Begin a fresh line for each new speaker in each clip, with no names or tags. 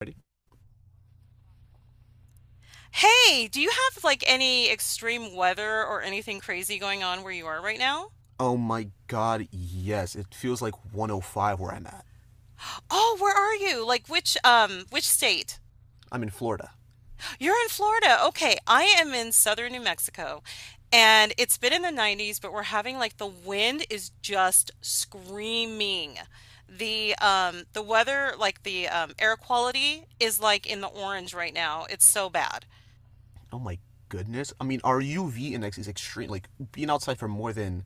Ready?
Hey, do you have like any extreme weather or anything crazy going on where you are right now?
Oh my god, yes. It feels like 105 where I'm at.
Oh, where are you? Like which state?
I'm in Florida.
You're in Florida. Okay, I am in southern New Mexico. And it's been in the 90s, but we're having like the wind is just screaming. The weather, like the air quality is like in the orange right now. It's so bad.
Oh my goodness. I mean, our UV index is extreme. Like, being outside for more than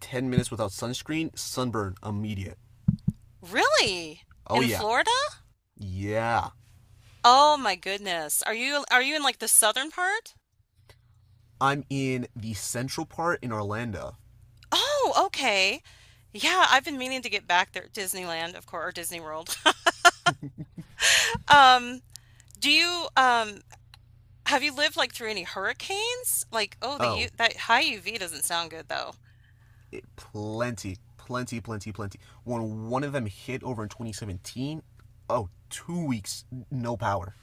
10 minutes without sunscreen, sunburn immediate.
Really?
Oh
In
yeah.
Florida?
Yeah.
Oh my goodness. Are you in like the southern part?
I'm in the central part in Orlando.
Oh, okay. Yeah, I've been meaning to get back there, Disneyland, of course, or Disney World. Um, do you have you lived like through any hurricanes? Like, oh, the U
Oh,
that high UV doesn't sound good though.
it, plenty, plenty, plenty, plenty. When one of them hit over in 2017, oh, 2 weeks, no power.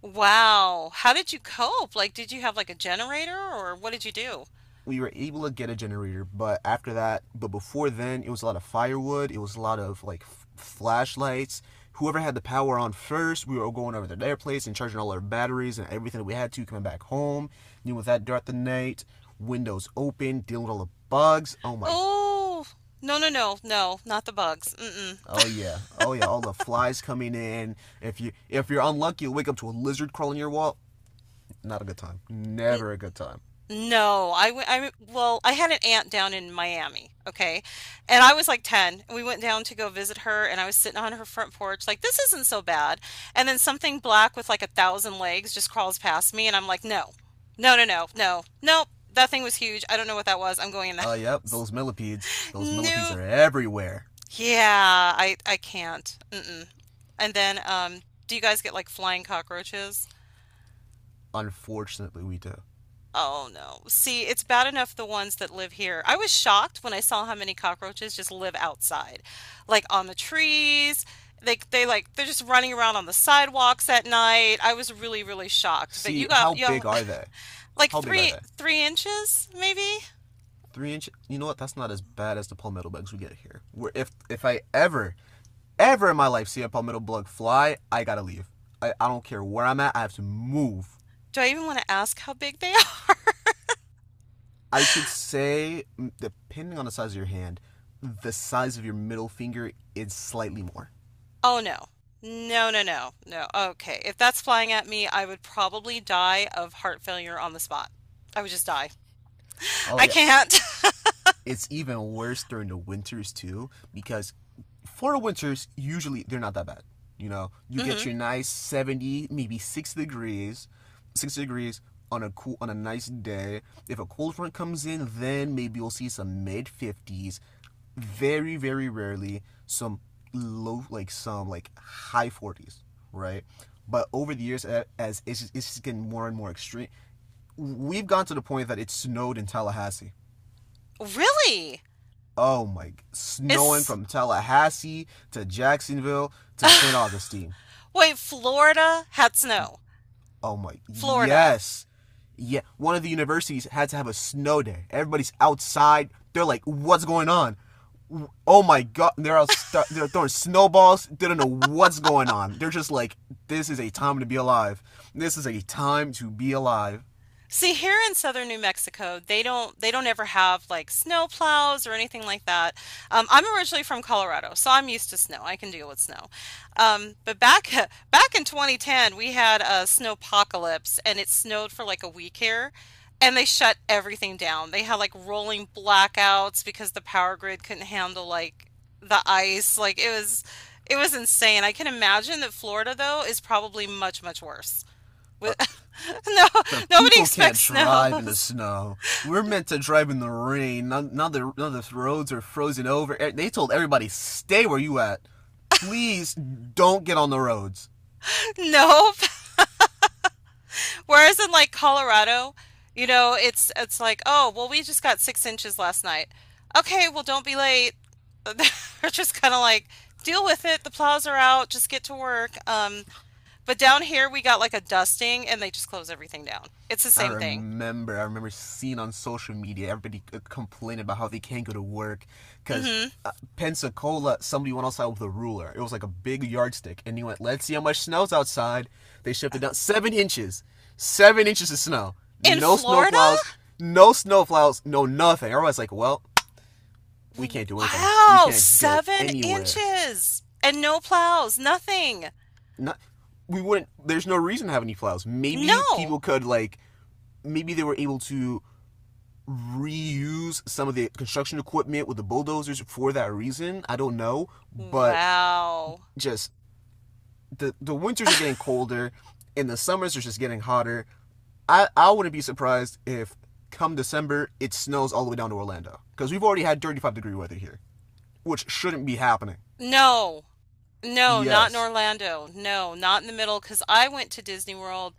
Wow. How did you cope? Like, did you have like a generator or what did you do?
We were able to get a generator, but after that, but before then, it was a lot of firewood. It was a lot of flashlights. Whoever had the power on first, we were going over to their place and charging all our batteries and everything that we had to coming back home. Dealing with that throughout the night, windows open, dealing with all the bugs. Oh my,
Oh, no, no, no, no, not the bugs. Mm-mm.
oh yeah, oh yeah, all the flies coming in. If you're unlucky, you'll wake up to a lizard crawling your wall. Not a good time. Never a good time.
No, I well, I had an aunt down in Miami, okay? And I was like 10, and we went down to go visit her, and I was sitting on her front porch, like, this isn't so bad. And then something black with like a thousand legs just crawls past me, and I'm like, no, no, no, no, no, nope, that thing was huge. I don't know what that was. I'm going in the
Oh yep,
house.
those millipedes. Those millipedes
Nope.
are everywhere.
Yeah, I can't. Mm-mm. And then, do you guys get like flying cockroaches?
Unfortunately, we do.
Oh no. See, it's bad enough the ones that live here. I was shocked when I saw how many cockroaches just live outside, like on the trees. They like they're just running around on the sidewalks at night. I was really, really shocked. But you
See,
got
how
yeah,
big are they?
like
How big are
three
they?
three inches maybe?
Three inch. You know what? That's not as bad as the palmetto bugs we get here. Where if I ever, ever in my life see a palmetto bug fly, I gotta leave. I don't care where I'm at. I have to move.
Do I even want to ask how big they are?
I could say, depending on the size of your hand, the size of your middle finger is slightly more.
Oh no. No, no, no, no. Okay. If that's flying at me, I would probably die of heart failure on the spot. I would just die.
Oh
I
yeah,
can't.
it's even worse during the winters too, because for winters usually they're not that bad. You know, you get
Hmm.
your nice 70, maybe 6 degrees, 6 degrees on a nice day. If a cold front comes in, then maybe you'll see some mid 50s, very rarely some low, like some high 40s, right? But over the years, as it's just getting more and more extreme, we've gone to the point that it snowed in Tallahassee.
Really?
Oh my, snowing
It's
from Tallahassee to Jacksonville to Saint Augustine.
wait, Florida had snow.
Oh my,
Florida.
yes. Yeah, one of the universities had to have a snow day. Everybody's outside, they're like, what's going on? Oh my god, they're throwing snowballs, they don't know what's going on, they're just like, this is a time to be alive. This is a time to be alive.
See, here in southern New Mexico, they don't ever have like snow plows or anything like that. I'm originally from Colorado, so I'm used to snow. I can deal with snow. But back back in 2010, we had a snowpocalypse, and it snowed for like a week here, and they shut everything down. They had like rolling blackouts because the power grid couldn't handle like the ice. Like it was insane. I can imagine that Florida though is probably much, much worse. Wi- no,
The
nobody
people can't
expects
drive in the
snows.
snow. We're meant to drive in the rain. None of the roads are frozen over. They told everybody, stay where you at. Please don't get on the roads.
Nope. Whereas in like Colorado, you know, it's like, oh, well, we just got 6 inches last night. Okay, well, don't be late. They're just kind of like, deal with it. The plows are out. Just get to work. But down here we got like a dusting, and they just close everything down. It's the
I
same thing.
remember, I remember seeing on social media everybody complaining about how they can't go to work because
Hmm.
Pensacola, somebody went outside with a ruler. It was like a big yardstick, and he went, "Let's see how much snow's outside." They shifted down 7 inches, 7 inches of snow.
In
No snow
Florida?
plows, no snow plows, no nothing. Everyone's like, "Well, we can't do anything. We
Wow,
can't go
seven
anywhere."
inches and no plows, nothing.
Not, we wouldn't. There's no reason to have any plows. Maybe
No.
people could like, maybe they were able to reuse some of the construction equipment with the bulldozers for that reason. I don't know, but
Wow.
just the winters are getting colder and the summers are just getting hotter. I wouldn't be surprised if come December it snows all the way down to Orlando, because we've already had 35-degree weather here, which shouldn't be happening.
No. No, not in
Yes,
Orlando. No, not in the middle, because I went to Disney World.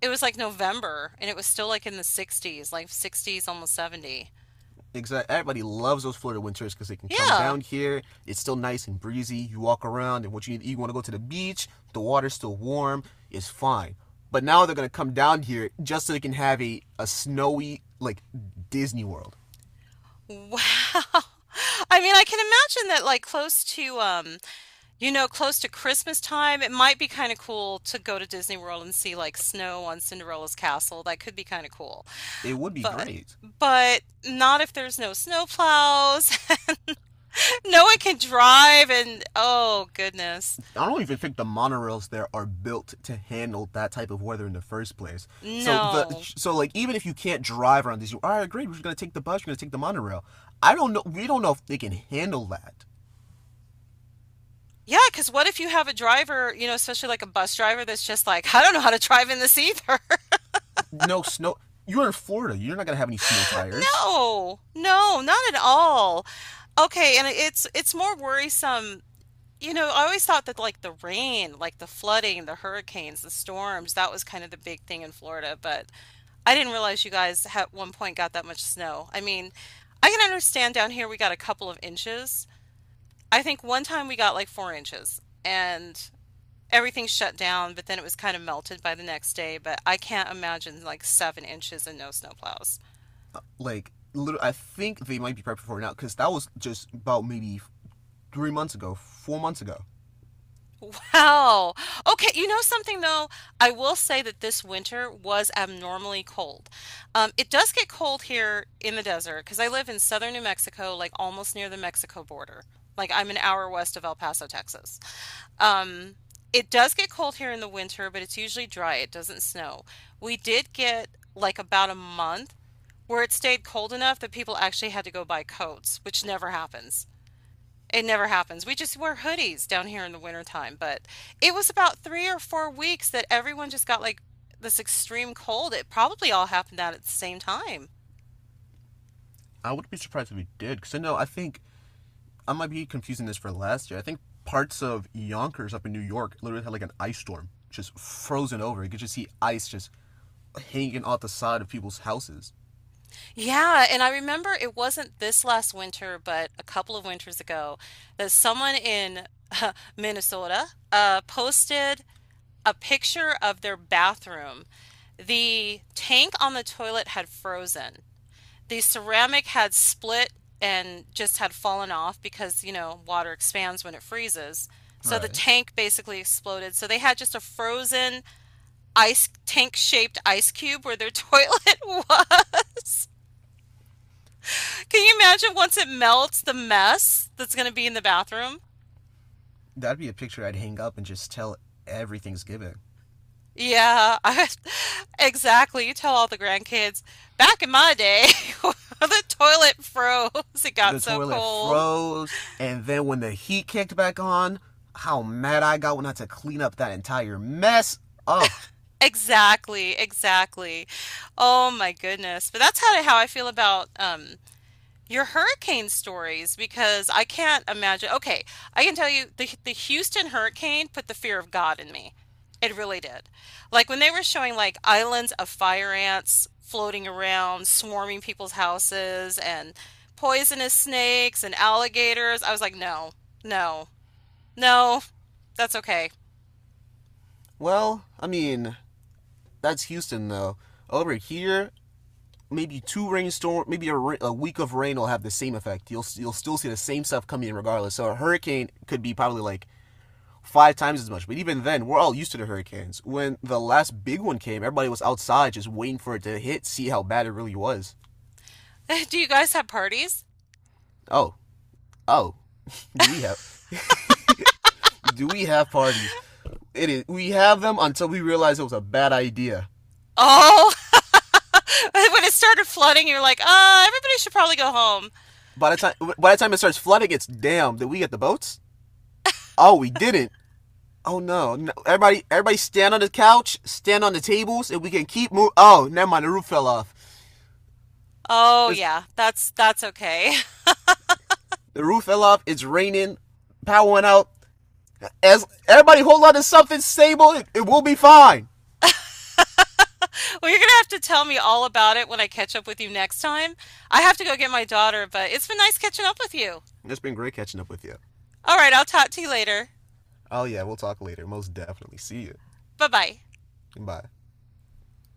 It was like November, and it was still like in the 60s, like 60s, almost 70.
exactly. Everybody loves those Florida winters because they can come
Yeah.
down here. It's still nice and breezy. You walk around, and what you need, you want to go to the beach. The water's still warm. It's fine. But now they're gonna come down here just so they can have a snowy like Disney World.
Wow. I mean, I can imagine that like close to you know, close to Christmas time, it might be kind of cool to go to Disney World and see like snow on Cinderella's castle. That could be kind of cool.
It would be
But
great.
but not if there's no snowplows. No one can drive and oh goodness.
I don't even think the monorails there are built to handle that type of weather in the first place. So the
No.
so even if you can't drive around this, you all right, great. We're just gonna take the bus. We're gonna take the monorail. I don't know. We don't know if they can handle that.
Yeah, because what if you have a driver, you know, especially like a bus driver that's just like, I don't know how to drive in this either.
No snow. You're in Florida. You're not gonna have any snow tires.
No, no, not at all. Okay, and it's more worrisome. You know, I always thought that like the rain, like the flooding, the hurricanes, the storms, that was kind of the big thing in Florida, but I didn't realize you guys at one point got that much snow. I mean, I can understand down here we got a couple of inches. I think one time we got like 4 inches and everything shut down, but then it was kind of melted by the next day. But I can't imagine like 7 inches and no snowplows.
Like, I think they might be prepping for it now because that was just about maybe 3 months ago, 4 months ago.
Wow. Okay, you know something though? I will say that this winter was abnormally cold. It does get cold here in the desert because I live in southern New Mexico, like almost near the Mexico border. Like I'm an hour west of El Paso, Texas. Um, it does get cold here in the winter, but it's usually dry. It doesn't snow. We did get like about a month where it stayed cold enough that people actually had to go buy coats, which never happens. It never happens. We just wear hoodies down here in the wintertime, but it was about 3 or 4 weeks that everyone just got like this extreme cold. It probably all happened out at the same time.
I wouldn't be surprised if we did, because I know, I think I might be confusing this for last year. I think parts of Yonkers up in New York literally had like an ice storm, just frozen over. You could just see ice just hanging off the side of people's houses.
Yeah, and I remember it wasn't this last winter, but a couple of winters ago, that someone in Minnesota posted a picture of their bathroom. The tank on the toilet had frozen. The ceramic had split and just had fallen off because, you know, water expands when it freezes. So the
Right.
tank basically exploded. So they had just a frozen ice tank-shaped ice cube where their toilet was. Can you imagine once it melts the mess that's going to be in the bathroom?
That'd be a picture I'd hang up and just tell every Thanksgiving.
Yeah, exactly. You tell all the grandkids, back in my day, the toilet froze. It got
The
so
toilet
cold.
froze, and then when the heat kicked back on, how mad I got when I had to clean up that entire mess. Oh,
Exactly, exactly. Oh my goodness. But that's how I feel about your hurricane stories, because I can't imagine. Okay, I can tell you the Houston hurricane put the fear of God in me. It really did. Like when they were showing like islands of fire ants floating around, swarming people's houses, and poisonous snakes and alligators, I was like, no, no, no, that's okay.
well, I mean, that's Houston though. Over here, maybe two rainstorm, maybe a week of rain will have the same effect. You'll still see the same stuff coming in regardless. So a hurricane could be probably like five times as much. But even then, we're all used to the hurricanes. When the last big one came, everybody was outside just waiting for it to hit, see how bad it really was.
Do you guys have parties?
Oh, oh, do we have? do we have parties? It is. We have them until we realize it was a bad idea.
Oh, when it started flooding, you're like, everybody should probably go home.
By the time it starts flooding, it's damn. Did we get the boats? Oh, we didn't. Oh no, no. Everybody, everybody, stand on the couch, stand on the tables, and we can keep moving. Oh, never mind. The roof fell off.
Oh
It's
yeah, that's okay.
the roof fell off. It's raining. Power went out. As everybody hold on to something stable, it will be fine.
Well, you're gonna have to tell me all about it when I catch up with you next time. I have to go get my daughter, but it's been nice catching up with you.
It's been great catching up with you.
All right, I'll talk to you later.
Oh yeah, we'll talk later. Most definitely. See you.
Bye bye.
Bye.